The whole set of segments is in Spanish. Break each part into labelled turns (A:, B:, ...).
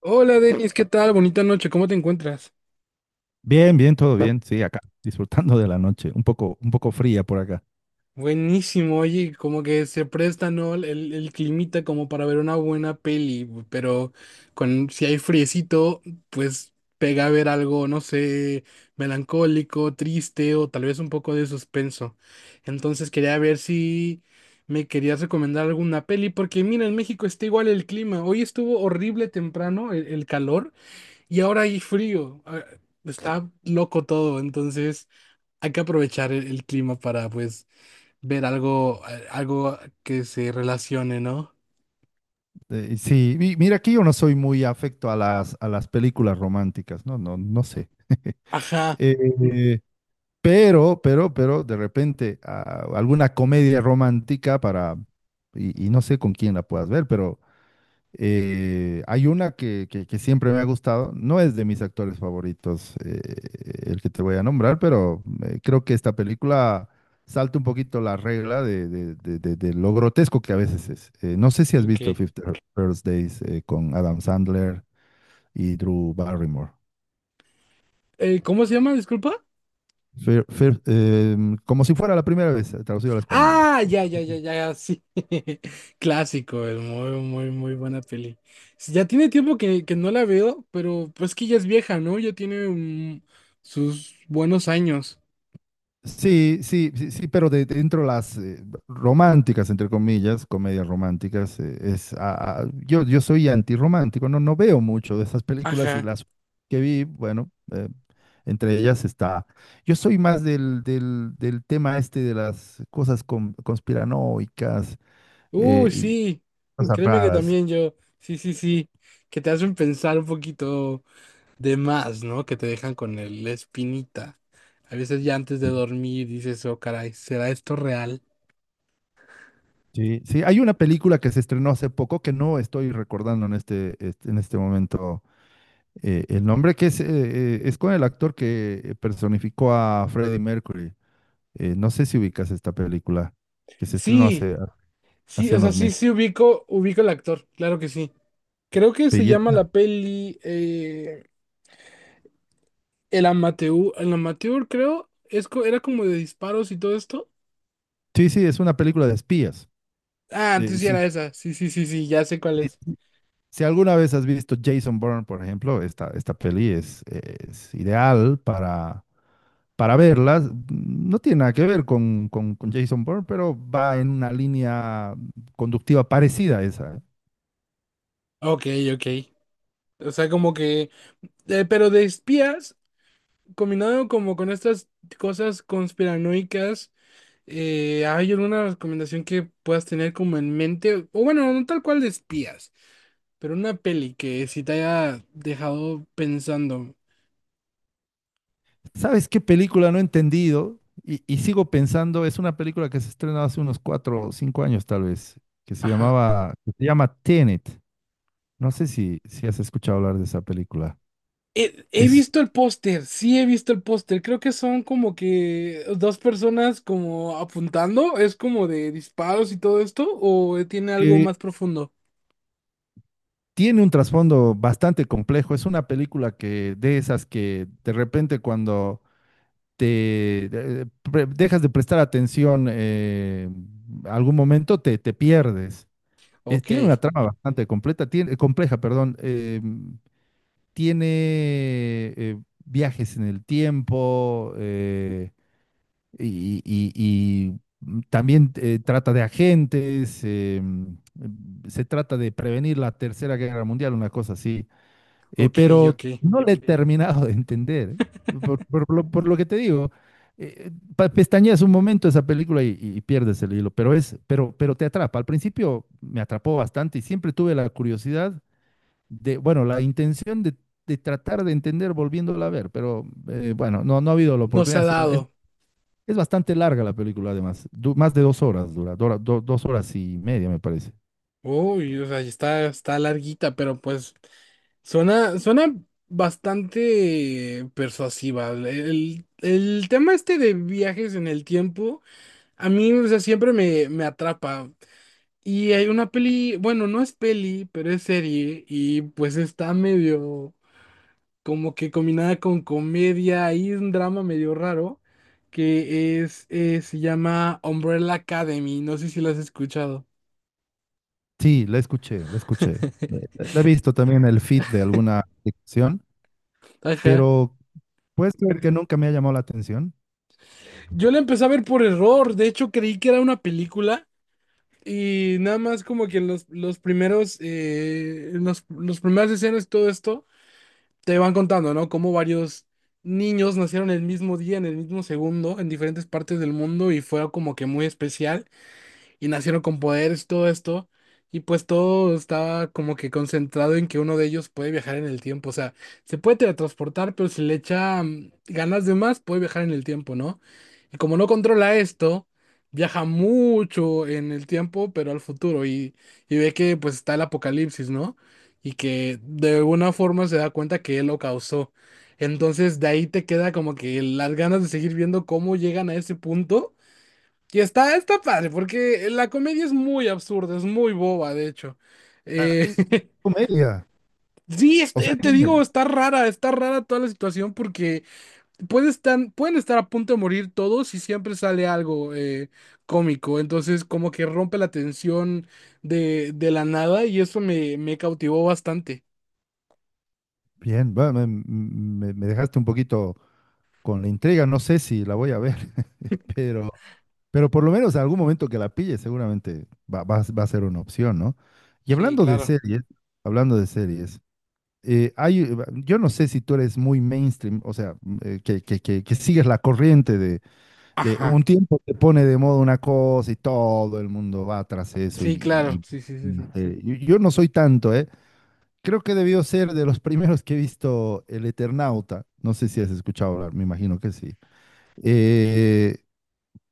A: Hola Denis, ¿qué tal? Bonita noche, ¿cómo te encuentras?
B: Bien, bien, todo bien. Sí, acá, disfrutando de la noche, un poco fría por acá.
A: Buenísimo, oye, como que se presta, ¿no? El climita como para ver una buena peli, pero con, si hay friecito, pues pega a ver algo, no sé, melancólico, triste o tal vez un poco de suspenso. Entonces quería ver si me querías recomendar alguna peli, porque mira, en México está igual el clima. Hoy estuvo horrible temprano el calor y ahora hay frío. Ah, está loco todo, entonces... Hay que aprovechar el clima para, pues, ver algo, algo que se relacione, ¿no?
B: Sí, mira, aquí yo no soy muy afecto a las películas románticas, no, no, no sé.
A: Ajá,
B: Eh, pero, de repente, alguna comedia romántica para, y no sé con quién la puedas ver, pero hay una que siempre me ha gustado. No es de mis actores favoritos, el que te voy a nombrar, pero creo que esta película salta un poquito la regla de lo grotesco que a veces es. No sé si has visto
A: ok.
B: Fifty First Days, con Adam Sandler y Drew Barrymore.
A: ¿cómo se llama? Disculpa.
B: Como si fuera la primera vez, traducido al español.
A: Ah, ya, ya, ya, ya, ya, sí. Clásico, es muy, muy, muy buena peli. Sí, ya tiene tiempo que no la veo, pero pues que ya es vieja, ¿no? Ya tiene sus buenos años.
B: Sí, sí, sí, sí, pero dentro de las románticas, entre comillas, comedias románticas, es, ah, ah, yo soy antirromántico. No, no veo mucho de esas películas, y
A: Ajá.
B: las que vi, bueno, entre ellas está, yo soy más del tema este de las cosas conspiranoicas,
A: Uy,
B: y
A: sí.
B: cosas
A: Créeme que
B: raras.
A: también yo. Sí, sí, sí. Que te hacen pensar un poquito de más, ¿no? Que te dejan con la espinita. A veces ya antes de
B: Sí,
A: dormir dices, oh, caray, ¿será esto real?
B: sí, sí, hay una película que se estrenó hace poco que no estoy recordando en en este momento. El nombre, que es con el actor que personificó a Freddie Mercury. No sé si ubicas esta película, que se estrenó
A: Sí,
B: hace,
A: sí,
B: hace
A: o sea,
B: unos
A: sí,
B: meses.
A: sí ubico, ubico al actor, claro que sí. Creo que se llama
B: Pelle-
A: la peli El Amateur, El Amateur, creo, es, era como de disparos y todo esto.
B: Sí, sí, es una película de espías.
A: Ah, entonces sí
B: Sí.
A: era esa, sí, sí, sí, sí, ya sé cuál es.
B: Si alguna vez has visto Jason Bourne, por ejemplo, esta peli es ideal para verla. No tiene nada que ver con Jason Bourne, pero va en una línea conductiva parecida a esa, ¿eh?
A: Ok, ok. O sea, como que, pero de espías, combinado como con estas cosas conspiranoicas. ¿hay alguna recomendación que puedas tener como en mente? O bueno, no tal cual de espías, pero una peli que sí te haya dejado pensando.
B: ¿Sabes qué película no he entendido y sigo pensando? Es una película que se estrenó hace unos 4 o 5 años tal vez,
A: Ajá.
B: que se llama Tenet. No sé si has escuchado hablar de esa película.
A: He
B: Es,
A: visto el póster, sí he visto el póster. Creo que son como que dos personas como apuntando. Es como de disparos y todo esto, o tiene algo
B: eh,
A: más profundo.
B: Tiene un trasfondo bastante complejo. Es una película que de esas que, de repente, cuando dejas de prestar atención, algún momento te pierdes.
A: Ok,
B: Tiene una trama bastante completa, compleja, perdón. Tiene, eh, viajes en el tiempo, y también, trata de agentes, se trata de prevenir la Tercera Guerra Mundial, una cosa así.
A: ok,
B: Pero
A: ok.
B: no le he terminado de entender, ¿eh? Por lo que te digo, pestañeas un momento esa película y pierdes el hilo, pero te atrapa. Al principio me atrapó bastante y siempre tuve la curiosidad bueno, la intención de tratar de entender volviéndola a ver, pero bueno, no, no ha habido la
A: Nos ha
B: oportunidad.
A: dado.
B: Es- Bastante larga la película, además. Más de 2 horas dura, 2 horas y media, me parece.
A: Uy, o sea, está, está larguita, pero pues. Suena, suena bastante persuasiva. El tema este de viajes en el tiempo, a mí, o sea, siempre me, me atrapa. Y hay una peli, bueno, no es peli, pero es serie, y pues está medio como que combinada con comedia y un drama medio raro, que es, se llama Umbrella Academy. No sé si la has escuchado.
B: Sí, la escuché, la escuché. La he visto también en el feed de alguna sección,
A: Ajá.
B: pero puedes creer que nunca me ha llamado la atención.
A: Yo la empecé a ver por error, de hecho creí que era una película. Y nada más como que en los primeros, en los primeras escenas, todo esto, te van contando, ¿no? Cómo varios niños nacieron el mismo día, en el mismo segundo, en diferentes partes del mundo y fue como que muy especial y nacieron con poderes y todo esto. Y pues todo está como que concentrado en que uno de ellos puede viajar en el tiempo. O sea, se puede teletransportar, pero si le echa ganas de más, puede viajar en el tiempo, ¿no? Y como no controla esto, viaja mucho en el tiempo, pero al futuro. Y ve que pues está el apocalipsis, ¿no? Y que de alguna forma se da cuenta que él lo causó. Entonces de ahí te queda como que las ganas de seguir viendo cómo llegan a ese punto y está, está padre, porque la comedia es muy absurda, es muy boba, de hecho.
B: Ah,
A: Eh,
B: comedia.
A: sí,
B: O sea,
A: te digo, está rara toda la situación porque pueden estar a punto de morir todos y siempre sale algo cómico. Entonces, como que rompe la tensión de la nada y eso me, me cautivó bastante.
B: bien, va, me dejaste un poquito con la intriga, no sé si la voy a ver, pero por lo menos en algún momento que la pille, seguramente va a ser una opción, ¿no? Y
A: Sí,
B: hablando de
A: claro.
B: series, hablando de series, eh, hay, eh, yo no sé si tú eres muy mainstream, o sea, que sigues la corriente de
A: Ajá.
B: un tiempo, te pone de moda una cosa y todo el mundo va tras eso,
A: Sí,
B: y, y-
A: claro. Sí, sí, sí,
B: y,
A: sí.
B: eh, yo yo no soy tanto, ¿eh? Creo que debió ser de los primeros que he visto El Eternauta. No sé si has escuchado hablar, me imagino que sí. Eh,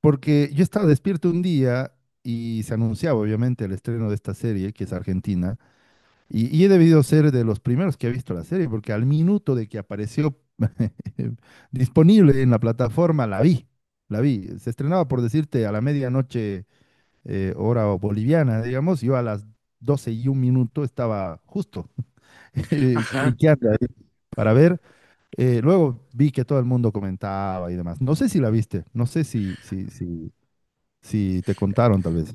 B: Porque yo estaba despierto un día y se anunciaba obviamente el estreno de esta serie, que es argentina, y he debido ser de los primeros que ha visto la serie, porque al minuto de que apareció disponible en la plataforma, la vi, la vi. Se estrenaba, por decirte, a la medianoche, hora boliviana, digamos. Yo a las 12:01 estaba justo
A: Ajá.
B: cliqueando ahí para ver. Luego vi que todo el mundo comentaba y demás. No sé si la viste, no sé si te contaron, tal vez.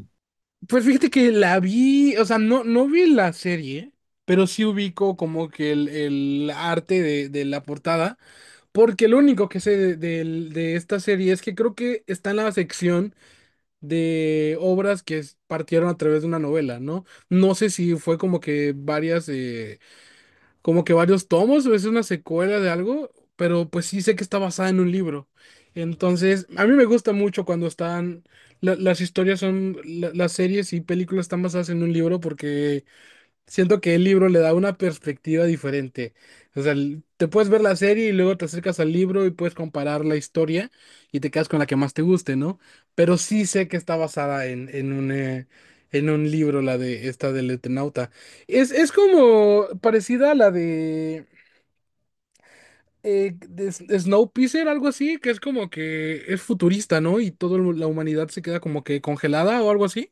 A: Pues fíjate que la vi, o sea, no, no vi la serie, pero sí ubico como que el arte de la portada, porque lo único que sé de, de esta serie es que creo que está en la sección de obras que partieron a través de una novela, ¿no? No sé si fue como que varias como que varios tomos, o es una secuela de algo, pero pues sí sé que está basada en un libro. Entonces, a mí me gusta mucho cuando están, las historias son, las series y películas están basadas en un libro porque siento que el libro le da una perspectiva diferente. O sea, te puedes ver la serie y luego te acercas al libro y puedes comparar la historia y te quedas con la que más te guste, ¿no? Pero sí sé que está basada en un libro, la de esta del Eternauta. Es como parecida a la de Snowpiercer, algo así, que es como que es futurista, ¿no? Y toda la humanidad se queda como que congelada o algo así.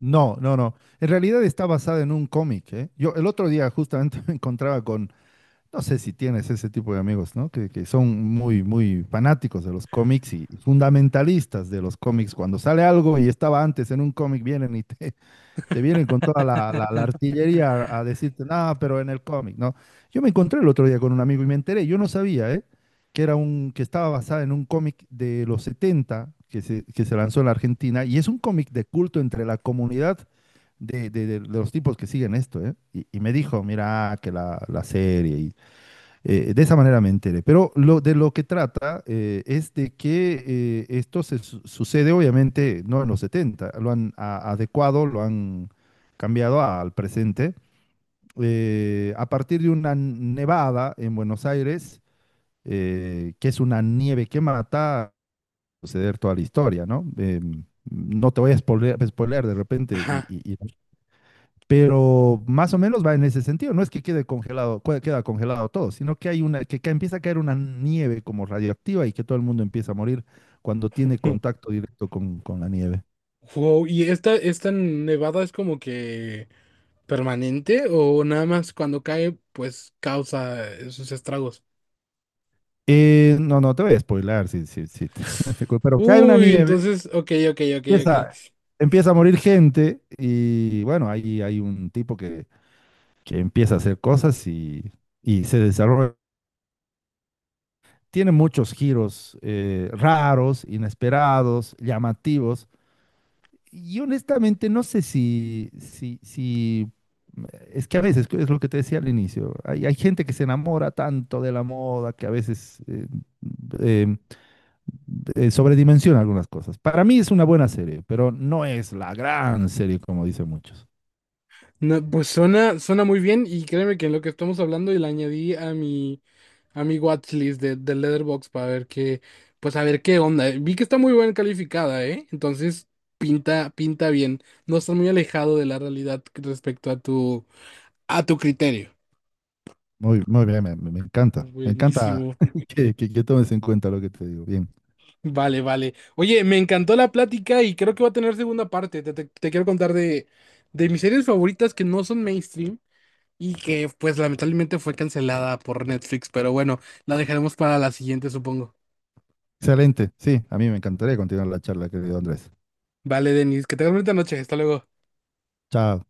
B: No, no, no. En realidad está basada en un cómic, ¿eh? Yo el otro día justamente me encontraba con, no sé si tienes ese tipo de amigos, ¿no? Que son muy, muy fanáticos de los cómics y fundamentalistas de los cómics. Cuando sale algo y estaba antes en un cómic, vienen y te vienen con toda la artillería a decirte, nada, pero en el cómic, ¿no? Yo me encontré el otro día con un amigo y me enteré, yo no sabía, ¿eh? Que era que estaba basada en un cómic de los 70 que se lanzó en la Argentina, y es un cómic de culto entre la comunidad de los tipos que siguen esto, ¿eh? Y me dijo, mira, que la serie, de esa manera me enteré. Pero de lo que trata, es de que, esto se sucede, obviamente, no en los setenta, lo han adecuado, lo han cambiado al presente. A partir de una nevada en Buenos Aires, que es una nieve que mata, suceder toda la historia, ¿no? No te voy a spoilear, de repente,
A: Ajá.
B: pero más o menos va en ese sentido. No es que quede congelado, queda congelado todo, sino que hay empieza a caer una nieve como radioactiva y que todo el mundo empieza a morir cuando tiene contacto directo con la nieve.
A: Wow, y esta nevada es como que permanente o nada más cuando cae, pues causa sus estragos.
B: No, no te voy a spoilar, sí, sí, sí. Pero cae una
A: Uy,
B: nieve,
A: entonces, ok, ok, ok, ok.
B: empieza, empieza a morir gente y, bueno, ahí hay un tipo que empieza a hacer cosas y se desarrolla. Tiene muchos giros, raros, inesperados, llamativos. Y honestamente no sé si, es que a veces, es lo que te decía al inicio, hay gente que se enamora tanto de la moda que a veces, eh, sobredimensiona algunas cosas. Para mí es una buena serie, pero no es la gran serie como dicen muchos.
A: No, pues suena, suena muy bien y créeme que en lo que estamos hablando y la añadí a mi watchlist de Letterboxd para ver qué, pues a ver qué onda. Vi que está muy bien calificada, ¿eh? Entonces pinta, pinta bien. No está muy alejado de la realidad respecto a tu criterio.
B: Muy, muy bien, me encanta. Me encanta
A: Buenísimo.
B: que tomes en cuenta lo que te digo. Bien.
A: Vale, vale. Oye, me encantó la plática y creo que va a tener segunda parte. Te, te quiero contar de mis series favoritas que no son mainstream y que pues lamentablemente fue cancelada por Netflix, pero bueno, la dejaremos para la siguiente, supongo.
B: Excelente. Sí, a mí me encantaría continuar la charla, querido Andrés.
A: Vale, Denis, que tengas bonita noche. Hasta luego.
B: Chao.